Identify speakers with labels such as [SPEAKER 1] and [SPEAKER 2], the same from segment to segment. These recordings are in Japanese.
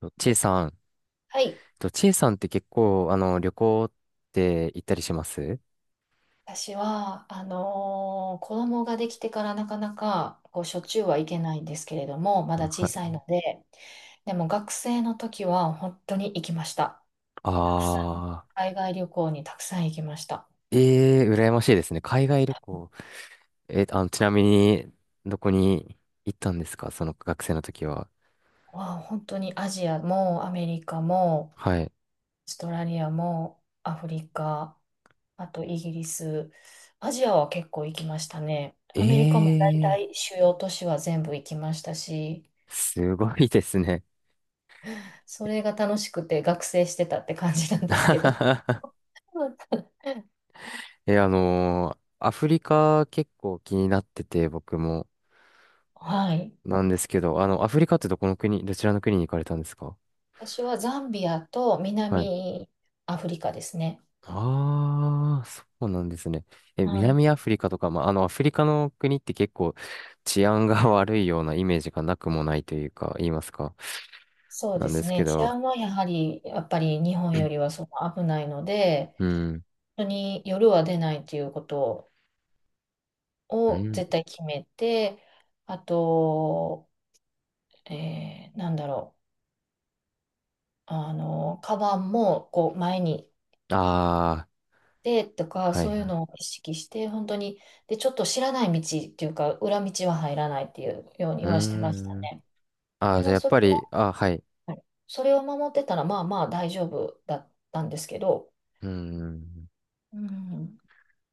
[SPEAKER 1] とちいさん、
[SPEAKER 2] はい。
[SPEAKER 1] とちいさんって結構、旅行って行ったりします。
[SPEAKER 2] 私は、子供ができてからなかなか、こう、しょっちゅうはいけないんですけれども、まだ
[SPEAKER 1] は
[SPEAKER 2] 小さい
[SPEAKER 1] い。
[SPEAKER 2] ので、でも学生の時は本当に行きました。たくさん、
[SPEAKER 1] あ
[SPEAKER 2] 海外旅行にたくさん行きました。
[SPEAKER 1] 羨ましいですね。海外旅行。ちなみに、どこに行ったんですかその学生の時は。
[SPEAKER 2] わあ、本当にアジアもアメリカも、オー
[SPEAKER 1] はい。
[SPEAKER 2] ストラリアもアフリカ、あとイギリス、アジアは結構行きましたね。
[SPEAKER 1] え
[SPEAKER 2] アメリカも大
[SPEAKER 1] ー、
[SPEAKER 2] 体主要都市は全部行きましたし、
[SPEAKER 1] すごいですね。
[SPEAKER 2] それが楽しくて学生してたって感じなんですけど。
[SPEAKER 1] アフリカ結構気になってて、僕も。
[SPEAKER 2] はい。
[SPEAKER 1] なんですけど、あの、アフリカってどこの国、どちらの国に行かれたんですか。
[SPEAKER 2] 私はザンビアと
[SPEAKER 1] はい。
[SPEAKER 2] 南アフリカですね。
[SPEAKER 1] ああ、そうなんですね。え、
[SPEAKER 2] はい。
[SPEAKER 1] 南アフリカとか、まあ、あの、アフリカの国って結構治安が 悪いようなイメージがなくもないというか、言いますか。
[SPEAKER 2] そう
[SPEAKER 1] な
[SPEAKER 2] で
[SPEAKER 1] んで
[SPEAKER 2] す
[SPEAKER 1] すけ
[SPEAKER 2] ね。治
[SPEAKER 1] ど、
[SPEAKER 2] 安はやはり、やっぱり日本よりはその危ないので、
[SPEAKER 1] うん、
[SPEAKER 2] 本当に夜は出ないということ
[SPEAKER 1] う
[SPEAKER 2] を
[SPEAKER 1] ん、
[SPEAKER 2] 絶対決めて、あと、えーなんだろう。あの、カバンもこう前に
[SPEAKER 1] あ
[SPEAKER 2] で、とか、
[SPEAKER 1] あ、はい
[SPEAKER 2] そうい
[SPEAKER 1] は
[SPEAKER 2] う
[SPEAKER 1] い、
[SPEAKER 2] のを意識して、本当に、で、ちょっと知らない道っていうか、裏道は入らないっていうよう
[SPEAKER 1] う
[SPEAKER 2] に
[SPEAKER 1] ー
[SPEAKER 2] はしてました
[SPEAKER 1] ん、
[SPEAKER 2] ね。
[SPEAKER 1] ああ、
[SPEAKER 2] で、
[SPEAKER 1] じ
[SPEAKER 2] ま
[SPEAKER 1] ゃあ
[SPEAKER 2] あ、
[SPEAKER 1] やっ
[SPEAKER 2] それ
[SPEAKER 1] ぱり、ああ、はい、
[SPEAKER 2] は、はいそれを守ってたら、まあまあ大丈夫だったんですけど、
[SPEAKER 1] うーん。
[SPEAKER 2] うん、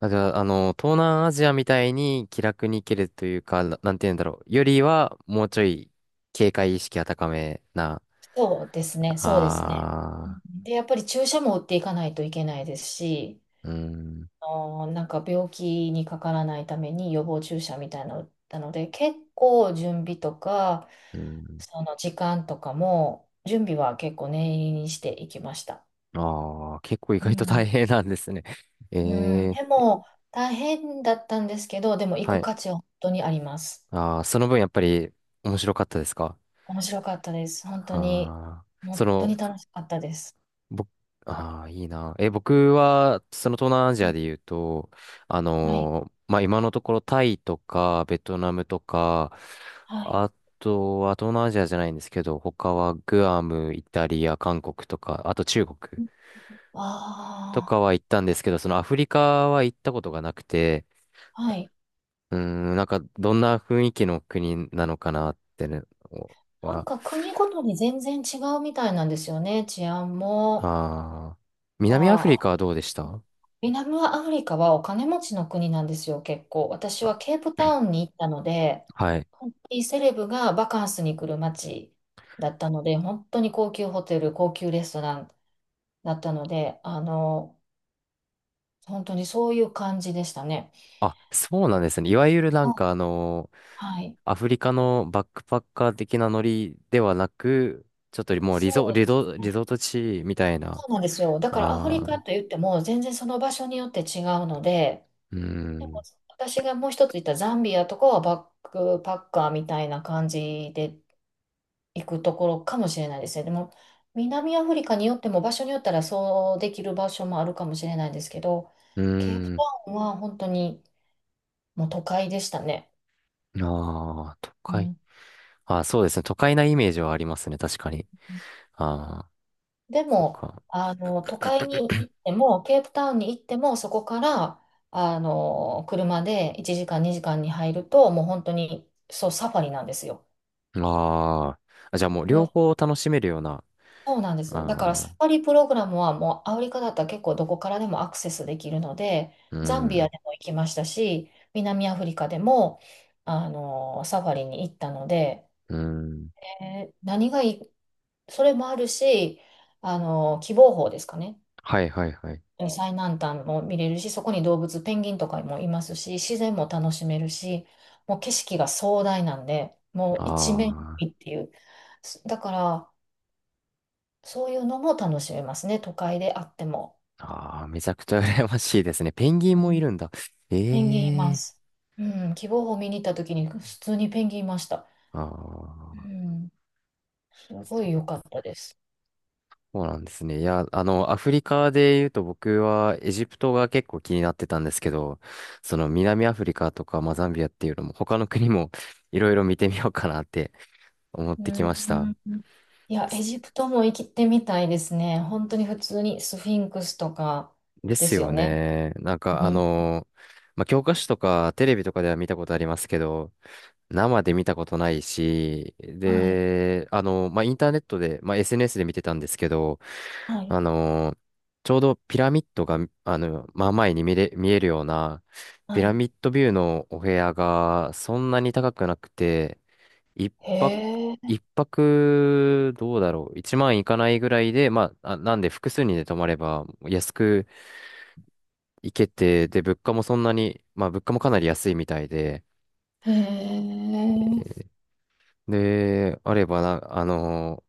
[SPEAKER 1] あ、じゃあ、あの、東南アジアみたいに気楽に行けるというか、なんて言うんだろう。よりは、もうちょい警戒意識が高めな。
[SPEAKER 2] そうですね。
[SPEAKER 1] ああ、
[SPEAKER 2] で、やっぱり注射も打っていかないといけないですし、
[SPEAKER 1] うーん、
[SPEAKER 2] なんか病気にかからないために予防注射みたいなの打ったので、結構準備とか、
[SPEAKER 1] うん。
[SPEAKER 2] その時間とかも、準備は結構念入りにしていきました。
[SPEAKER 1] ああ、結構意
[SPEAKER 2] う
[SPEAKER 1] 外と大
[SPEAKER 2] ん、
[SPEAKER 1] 変なんですね。え
[SPEAKER 2] うん
[SPEAKER 1] え、
[SPEAKER 2] でも大変だったんですけど、でも行
[SPEAKER 1] は
[SPEAKER 2] く
[SPEAKER 1] い。
[SPEAKER 2] 価値は本当にあります。
[SPEAKER 1] ああ、その分やっぱり面白かったですか。
[SPEAKER 2] 面白かったです。本当に、
[SPEAKER 1] ああそ
[SPEAKER 2] 本当に
[SPEAKER 1] の、
[SPEAKER 2] 楽しかったです。
[SPEAKER 1] 僕、ああ、いいな。え、僕は、その東南アジ
[SPEAKER 2] う
[SPEAKER 1] ア
[SPEAKER 2] ん
[SPEAKER 1] で言うと、
[SPEAKER 2] はい、
[SPEAKER 1] まあ、今のところタイとか、ベトナムとか、
[SPEAKER 2] はい。
[SPEAKER 1] あとは東南アジアじゃないんですけど、他はグアム、イタリア、韓国とか、あと中国と
[SPEAKER 2] あ
[SPEAKER 1] かは行ったんですけど、そのアフリカは行ったことがなくて、
[SPEAKER 2] あ、はい。
[SPEAKER 1] うーん、なんか、どんな雰囲気の国なのかなってね、
[SPEAKER 2] なん
[SPEAKER 1] は、
[SPEAKER 2] か国ごとに全然違うみたいなんですよね、治安も。
[SPEAKER 1] ああ、
[SPEAKER 2] か
[SPEAKER 1] 南アフリ
[SPEAKER 2] ら、
[SPEAKER 1] カはどうでした。
[SPEAKER 2] 南アフリカはお金持ちの国なんですよ、結構。私は
[SPEAKER 1] あ、
[SPEAKER 2] ケープタウンに行ったので、
[SPEAKER 1] はい。
[SPEAKER 2] 本当にセレブがバカンスに来る街だったので、本当に高級ホテル、高級レストランだったので、あの、本当にそういう感じでしたね。
[SPEAKER 1] あ、そうなんですね。いわゆるなん
[SPEAKER 2] あ
[SPEAKER 1] かあの、
[SPEAKER 2] はい。
[SPEAKER 1] アフリカのバックパッカー的なノリではなく、ちょっともう
[SPEAKER 2] そうですね。
[SPEAKER 1] リゾート地みたいな。
[SPEAKER 2] そうなんですよ。だからアフリ
[SPEAKER 1] あ
[SPEAKER 2] カ
[SPEAKER 1] あ、
[SPEAKER 2] と言っても、全然その場所によって違うので、
[SPEAKER 1] うー
[SPEAKER 2] でも
[SPEAKER 1] ん、
[SPEAKER 2] 私がもう一つ言ったザンビアとかはバックパッカーみたいな感じで行くところかもしれないですね。でも、南アフリカによっても場所によったらそうできる場所もあるかもしれないんですけど、
[SPEAKER 1] う
[SPEAKER 2] ケープタ
[SPEAKER 1] ー
[SPEAKER 2] ウンは本当にもう都会でしたね。
[SPEAKER 1] ん、ああ、都
[SPEAKER 2] う
[SPEAKER 1] 会。
[SPEAKER 2] ん、
[SPEAKER 1] ああ、そうですね。都会なイメージはありますね。確かに。ああ、
[SPEAKER 2] で
[SPEAKER 1] そっ
[SPEAKER 2] も、
[SPEAKER 1] か。
[SPEAKER 2] あの、都会に行っても、ケープタウンに行っても、そこから、あの、車で1時間、2時間に入ると、もう本当に、そう、サファリなんですよ。
[SPEAKER 1] あー、あ、じゃあもう両
[SPEAKER 2] で
[SPEAKER 1] 方楽しめるような。
[SPEAKER 2] そうなんです。だから
[SPEAKER 1] あ
[SPEAKER 2] サ
[SPEAKER 1] ー、
[SPEAKER 2] ファリプログラムはもうアフリカだったら結構どこからでもアクセスできるので、
[SPEAKER 1] う
[SPEAKER 2] ザンビア
[SPEAKER 1] ん、
[SPEAKER 2] でも行きましたし、南アフリカでも、あの、サファリに行ったので、
[SPEAKER 1] うん。
[SPEAKER 2] えー何がいい、それもあるし、あの、希望峰ですかね。
[SPEAKER 1] はいはいはい。
[SPEAKER 2] 最南端も見れるし、そこに動物、ペンギンとかもいますし、自然も楽しめるし、もう景色が壮大なんで、もう一面
[SPEAKER 1] あ
[SPEAKER 2] にっていう。だから、そういうのも楽しめますね、都会であっても。
[SPEAKER 1] あ、ああ、めちゃくちゃ羨ましいですね。ペンギ
[SPEAKER 2] う
[SPEAKER 1] ンもい
[SPEAKER 2] ん
[SPEAKER 1] るんだ。
[SPEAKER 2] ペンギンいま
[SPEAKER 1] ええ。
[SPEAKER 2] す。うん、希望を見に行った時に普通にペンギンいました。
[SPEAKER 1] あ
[SPEAKER 2] う
[SPEAKER 1] あ、
[SPEAKER 2] ん、すごい良かったです。
[SPEAKER 1] そうなんですね。いや、あの、アフリカで言うと僕はエジプトが結構気になってたんですけど、その南アフリカとか、まあ、ザンビアっていうのも他の国もいろいろ見てみようかなって思っ
[SPEAKER 2] う
[SPEAKER 1] てきま
[SPEAKER 2] ん、
[SPEAKER 1] した。
[SPEAKER 2] うんいや、エジプトも行きてみたいですね。本当に普通にスフィンクスとか
[SPEAKER 1] で
[SPEAKER 2] で
[SPEAKER 1] す
[SPEAKER 2] すよ
[SPEAKER 1] よ
[SPEAKER 2] ね。
[SPEAKER 1] ね。
[SPEAKER 2] うん、
[SPEAKER 1] まあ、教科書とかテレビとかでは見たことありますけど、生で見たことないし、
[SPEAKER 2] はい、
[SPEAKER 1] で、まあ、インターネットで、まあ、SNS で見てたんですけど、
[SPEAKER 2] はい、
[SPEAKER 1] あのーちょうどピラミッドが、あの、まあ前に見れ、見えるような、ピ
[SPEAKER 2] は
[SPEAKER 1] ラ
[SPEAKER 2] い。
[SPEAKER 1] ミッドビューのお部屋がそんなに高くなくて、一泊、
[SPEAKER 2] へえ、
[SPEAKER 1] 一泊どうだろう、1万いかないぐらいで、まあ、あ、なんで複数人で泊まれば安く行けて、で、物価もそんなに、まあ物価もかなり安いみたいで、
[SPEAKER 2] へえ、
[SPEAKER 1] で、あればな、あの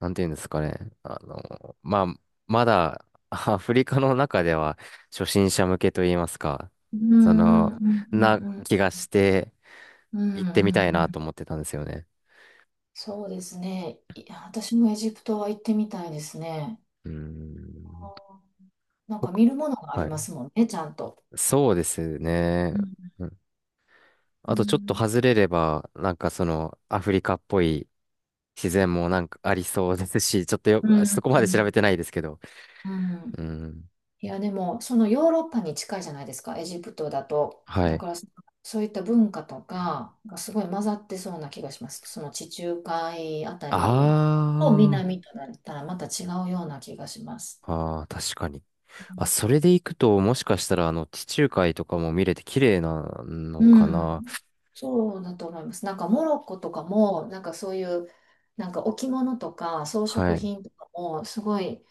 [SPEAKER 1] ー、なんていうんですかね、まあ、まだ アフリカの中では初心者向けといいますか、
[SPEAKER 2] う
[SPEAKER 1] そ
[SPEAKER 2] ん、
[SPEAKER 1] の、
[SPEAKER 2] うん、う
[SPEAKER 1] な
[SPEAKER 2] ん、
[SPEAKER 1] 気がして
[SPEAKER 2] うん、うん、う
[SPEAKER 1] 行
[SPEAKER 2] ん。う
[SPEAKER 1] ってみたいなと
[SPEAKER 2] ん
[SPEAKER 1] 思ってたんですよね。
[SPEAKER 2] そうですね。いや、私もエジプトは行ってみたいですね。
[SPEAKER 1] うーん。
[SPEAKER 2] なんか
[SPEAKER 1] 僕、
[SPEAKER 2] 見るものがあり
[SPEAKER 1] は
[SPEAKER 2] ま
[SPEAKER 1] い。
[SPEAKER 2] すもんね、ちゃんと。
[SPEAKER 1] そうですね。
[SPEAKER 2] うん、
[SPEAKER 1] うん。
[SPEAKER 2] う
[SPEAKER 1] あとちょっと
[SPEAKER 2] ん
[SPEAKER 1] 外れれば、なんかそのアフリカっぽい自然もなんかありそうですし、ちょっと
[SPEAKER 2] う
[SPEAKER 1] よ、そ
[SPEAKER 2] ん
[SPEAKER 1] こま
[SPEAKER 2] う
[SPEAKER 1] で調べ
[SPEAKER 2] ん
[SPEAKER 1] てないですけど。
[SPEAKER 2] うん
[SPEAKER 1] うん。
[SPEAKER 2] いやでもそのヨーロッパに近いじゃないですかエジプトだと
[SPEAKER 1] は
[SPEAKER 2] だ
[SPEAKER 1] い。
[SPEAKER 2] からそそういった文化とかがすごい混ざってそうな気がしますその地中海あた
[SPEAKER 1] あ
[SPEAKER 2] りと南となったらまた違うような気がします
[SPEAKER 1] あ、ああ、確かに。
[SPEAKER 2] う
[SPEAKER 1] あ、
[SPEAKER 2] ん
[SPEAKER 1] それで行くと、もしかしたら、あの、地中海とかも見れて綺麗なの
[SPEAKER 2] う
[SPEAKER 1] かな。
[SPEAKER 2] んそうだと思いますなんかモロッコとかもなんかそういうなんか置物とか装
[SPEAKER 1] は
[SPEAKER 2] 飾
[SPEAKER 1] い。
[SPEAKER 2] 品とかもすごい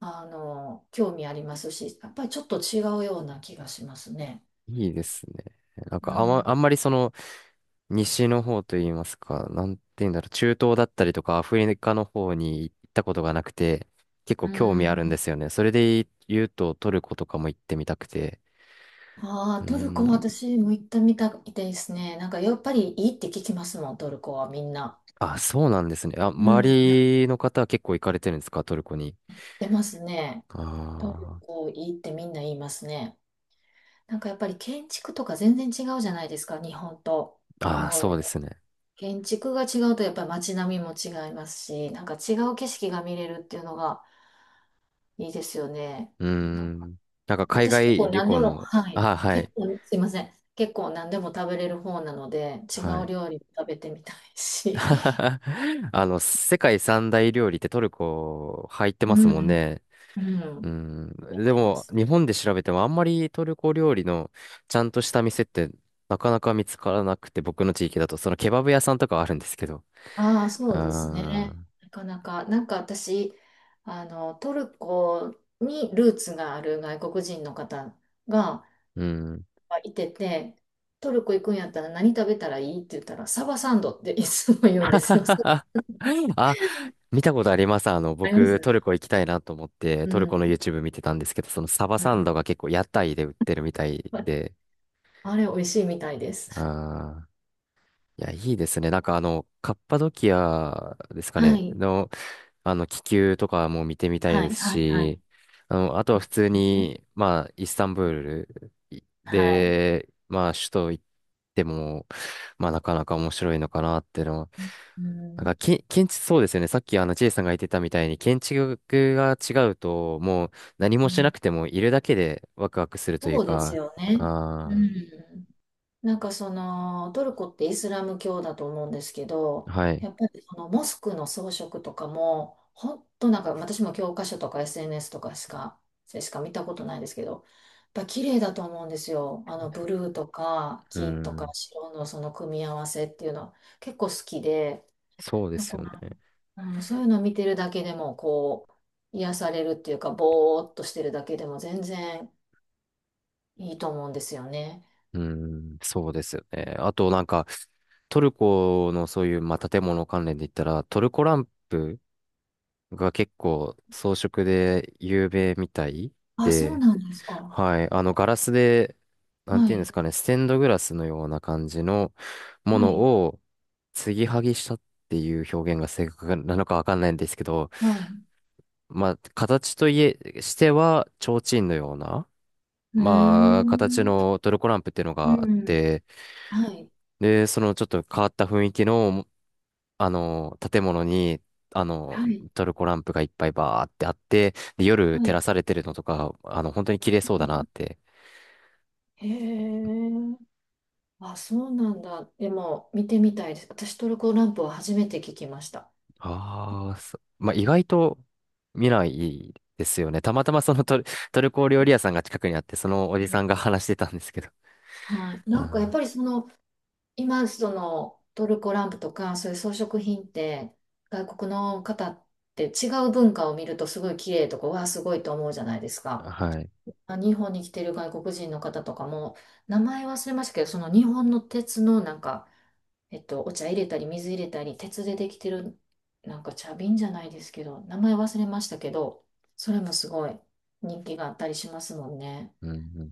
[SPEAKER 2] あの、興味ありますし、やっぱりちょっと違うような気がしますね。
[SPEAKER 1] いいですね。なん
[SPEAKER 2] う
[SPEAKER 1] か、
[SPEAKER 2] ん。
[SPEAKER 1] あんまりその、西の方といいますか、なんて言うんだろう、中東だったりとか、アフリカの方に行ったことがなくて、結
[SPEAKER 2] う
[SPEAKER 1] 構興味あるん
[SPEAKER 2] ん。
[SPEAKER 1] ですよね。それで言うと、トルコとかも行ってみたくて。
[SPEAKER 2] あ
[SPEAKER 1] う
[SPEAKER 2] あ、トルコ
[SPEAKER 1] ー
[SPEAKER 2] も
[SPEAKER 1] ん。
[SPEAKER 2] 私も行ったみたいですね。なんかやっぱりいいって聞きますもん、トルコはみんな。
[SPEAKER 1] あ、そうなんですね。あ、
[SPEAKER 2] う
[SPEAKER 1] 周
[SPEAKER 2] ん。なっ
[SPEAKER 1] りの方は結構行かれてるんですか、トルコに。
[SPEAKER 2] てますね。トル
[SPEAKER 1] あ
[SPEAKER 2] コいいってみんな言いますね。なんかやっぱり建築とか全然違うじゃないですか、日本と。こ
[SPEAKER 1] あ、ああ、そう
[SPEAKER 2] の
[SPEAKER 1] ですね。
[SPEAKER 2] 建築が違うとやっぱり街並みも違いますし、なんか違う景色が見れるっていうのがいいですよね。
[SPEAKER 1] うー
[SPEAKER 2] なんか
[SPEAKER 1] ん。なんか海
[SPEAKER 2] 私結
[SPEAKER 1] 外
[SPEAKER 2] 構
[SPEAKER 1] 旅
[SPEAKER 2] 何で
[SPEAKER 1] 行
[SPEAKER 2] も、
[SPEAKER 1] の、
[SPEAKER 2] はい。
[SPEAKER 1] あ、は
[SPEAKER 2] 結
[SPEAKER 1] い、
[SPEAKER 2] 構、すいません。結構何でも食べれる方なので、違
[SPEAKER 1] は
[SPEAKER 2] う
[SPEAKER 1] い。
[SPEAKER 2] 料理も食べてみたいし。
[SPEAKER 1] あの、世界三大料理ってトルコ入って
[SPEAKER 2] う
[SPEAKER 1] ますもん
[SPEAKER 2] ん。
[SPEAKER 1] ね。
[SPEAKER 2] うん。
[SPEAKER 1] う ん。
[SPEAKER 2] やっ
[SPEAKER 1] で
[SPEAKER 2] てま
[SPEAKER 1] も、
[SPEAKER 2] す。
[SPEAKER 1] 日本で調べてもあんまりトルコ料理のちゃんとした店ってなかなか見つからなくて、僕の地域だと、そのケバブ屋さんとかはあるんですけど。
[SPEAKER 2] ああ、
[SPEAKER 1] う
[SPEAKER 2] そ
[SPEAKER 1] ー
[SPEAKER 2] うですね。
[SPEAKER 1] ん。
[SPEAKER 2] なかなか、なんか私、あの、トルコにルーツがある外国人の方が
[SPEAKER 1] うん。
[SPEAKER 2] いてて、トルコ行くんやったら何食べたらいいって言ったら、サバサンドっていつも言うんですよ。あ
[SPEAKER 1] あ、見たことあります。あの、
[SPEAKER 2] りま
[SPEAKER 1] 僕、ト
[SPEAKER 2] す
[SPEAKER 1] ルコ行きたいなと思って、
[SPEAKER 2] う
[SPEAKER 1] トルコ
[SPEAKER 2] ん。
[SPEAKER 1] の YouTube 見てたんですけど、そのサバ
[SPEAKER 2] は
[SPEAKER 1] サン
[SPEAKER 2] い
[SPEAKER 1] ドが結構屋台で売ってるみたいで、
[SPEAKER 2] あれ、美味しいみたいです。
[SPEAKER 1] ああ、いや、いいですね。なんかあの、カッパドキアですか
[SPEAKER 2] は
[SPEAKER 1] ね、
[SPEAKER 2] い。
[SPEAKER 1] の、あの、気球とかも見てみたい
[SPEAKER 2] は
[SPEAKER 1] で
[SPEAKER 2] い、
[SPEAKER 1] す
[SPEAKER 2] はい、はい。
[SPEAKER 1] し、あの、あとは普通
[SPEAKER 2] ね
[SPEAKER 1] に、まあ、イスタンブールい
[SPEAKER 2] はい。
[SPEAKER 1] で、まあ、首都行っても、まあ、なかなか面白いのかなっていうのは、
[SPEAKER 2] う
[SPEAKER 1] なんか、
[SPEAKER 2] ん、
[SPEAKER 1] 建築、そうですよね。さっきあの J さんが言ってたみたいに、建築が違うと、もう何も
[SPEAKER 2] う
[SPEAKER 1] しな
[SPEAKER 2] ん
[SPEAKER 1] くてもいるだけでワクワクするという
[SPEAKER 2] そうです
[SPEAKER 1] か、
[SPEAKER 2] よね。う
[SPEAKER 1] あ
[SPEAKER 2] ん。なんかそのトルコってイスラム教だと思うんですけ
[SPEAKER 1] あ、
[SPEAKER 2] ど、
[SPEAKER 1] はい。
[SPEAKER 2] やっぱりそのモスクの装飾とかも、ほんとなんか私も教科書とか SNS とかしか、しか見たことないですけど、やっぱ綺麗だと思うんですよ。あのブルーとか
[SPEAKER 1] う
[SPEAKER 2] 金とか
[SPEAKER 1] ん、
[SPEAKER 2] 白のその組み合わせっていうのは結構好きで、
[SPEAKER 1] そうですよね。
[SPEAKER 2] うん、そういうのを見てるだけでも、こう、癒されるっていうか、ぼーっとしてるだけでも全然いいと思うんですよね。
[SPEAKER 1] うん、そうですよね。あとなんか、トルコのそういう、まあ、建物関連で言ったら、トルコランプが結構装飾で有名みたい
[SPEAKER 2] あ、そう
[SPEAKER 1] で、
[SPEAKER 2] なんですか。
[SPEAKER 1] はい。あの、ガラスで、なん
[SPEAKER 2] は
[SPEAKER 1] ていうんで
[SPEAKER 2] い、
[SPEAKER 1] すかね、ステンドグラスのような感じのも
[SPEAKER 2] は
[SPEAKER 1] の
[SPEAKER 2] い、
[SPEAKER 1] を継ぎはぎしたっていう表現が正確なのかわかんないんですけど、
[SPEAKER 2] はい。
[SPEAKER 1] まあ、形といえ、しては、提灯のような、
[SPEAKER 2] うー
[SPEAKER 1] まあ、形
[SPEAKER 2] ん、
[SPEAKER 1] のトルコランプっていうの
[SPEAKER 2] う
[SPEAKER 1] があっ
[SPEAKER 2] ん、
[SPEAKER 1] て、
[SPEAKER 2] はい、
[SPEAKER 1] で、そのちょっと変わった雰囲気の、あの、建物に、あの、
[SPEAKER 2] はい、
[SPEAKER 1] トルコランプがいっぱいバーってあって、で、夜
[SPEAKER 2] は
[SPEAKER 1] 照ら
[SPEAKER 2] い。
[SPEAKER 1] されてるのとか、あの、本当に綺麗そうだなって。
[SPEAKER 2] へえ、あ、そうなんだ。でも、見てみたいです。私、トルコランプは初めて聞きました。
[SPEAKER 1] ああ、まあ、意外と見ないですよね。たまたまトルコ料理屋さんが近くにあって、そのおじ
[SPEAKER 2] うん
[SPEAKER 1] さんが話してたんですけど。
[SPEAKER 2] はい。なんか、やっ
[SPEAKER 1] あ
[SPEAKER 2] ぱりその、今、そのトルコランプとか、そういう装飾品って、外国の方って違う文化を見るとすごい綺麗とか、わあ、すごいと思うじゃないです
[SPEAKER 1] ー、
[SPEAKER 2] か。
[SPEAKER 1] はい。
[SPEAKER 2] あ日本に来てる外国人の方とかも、名前忘れましたけど、その日本の鉄のなんか、えっと、お茶入れたり、水入れたり、鉄でできてる、なんか茶瓶じゃないですけど、名前忘れましたけど、それもすごい人気があったりしますもんね。
[SPEAKER 1] うんうん。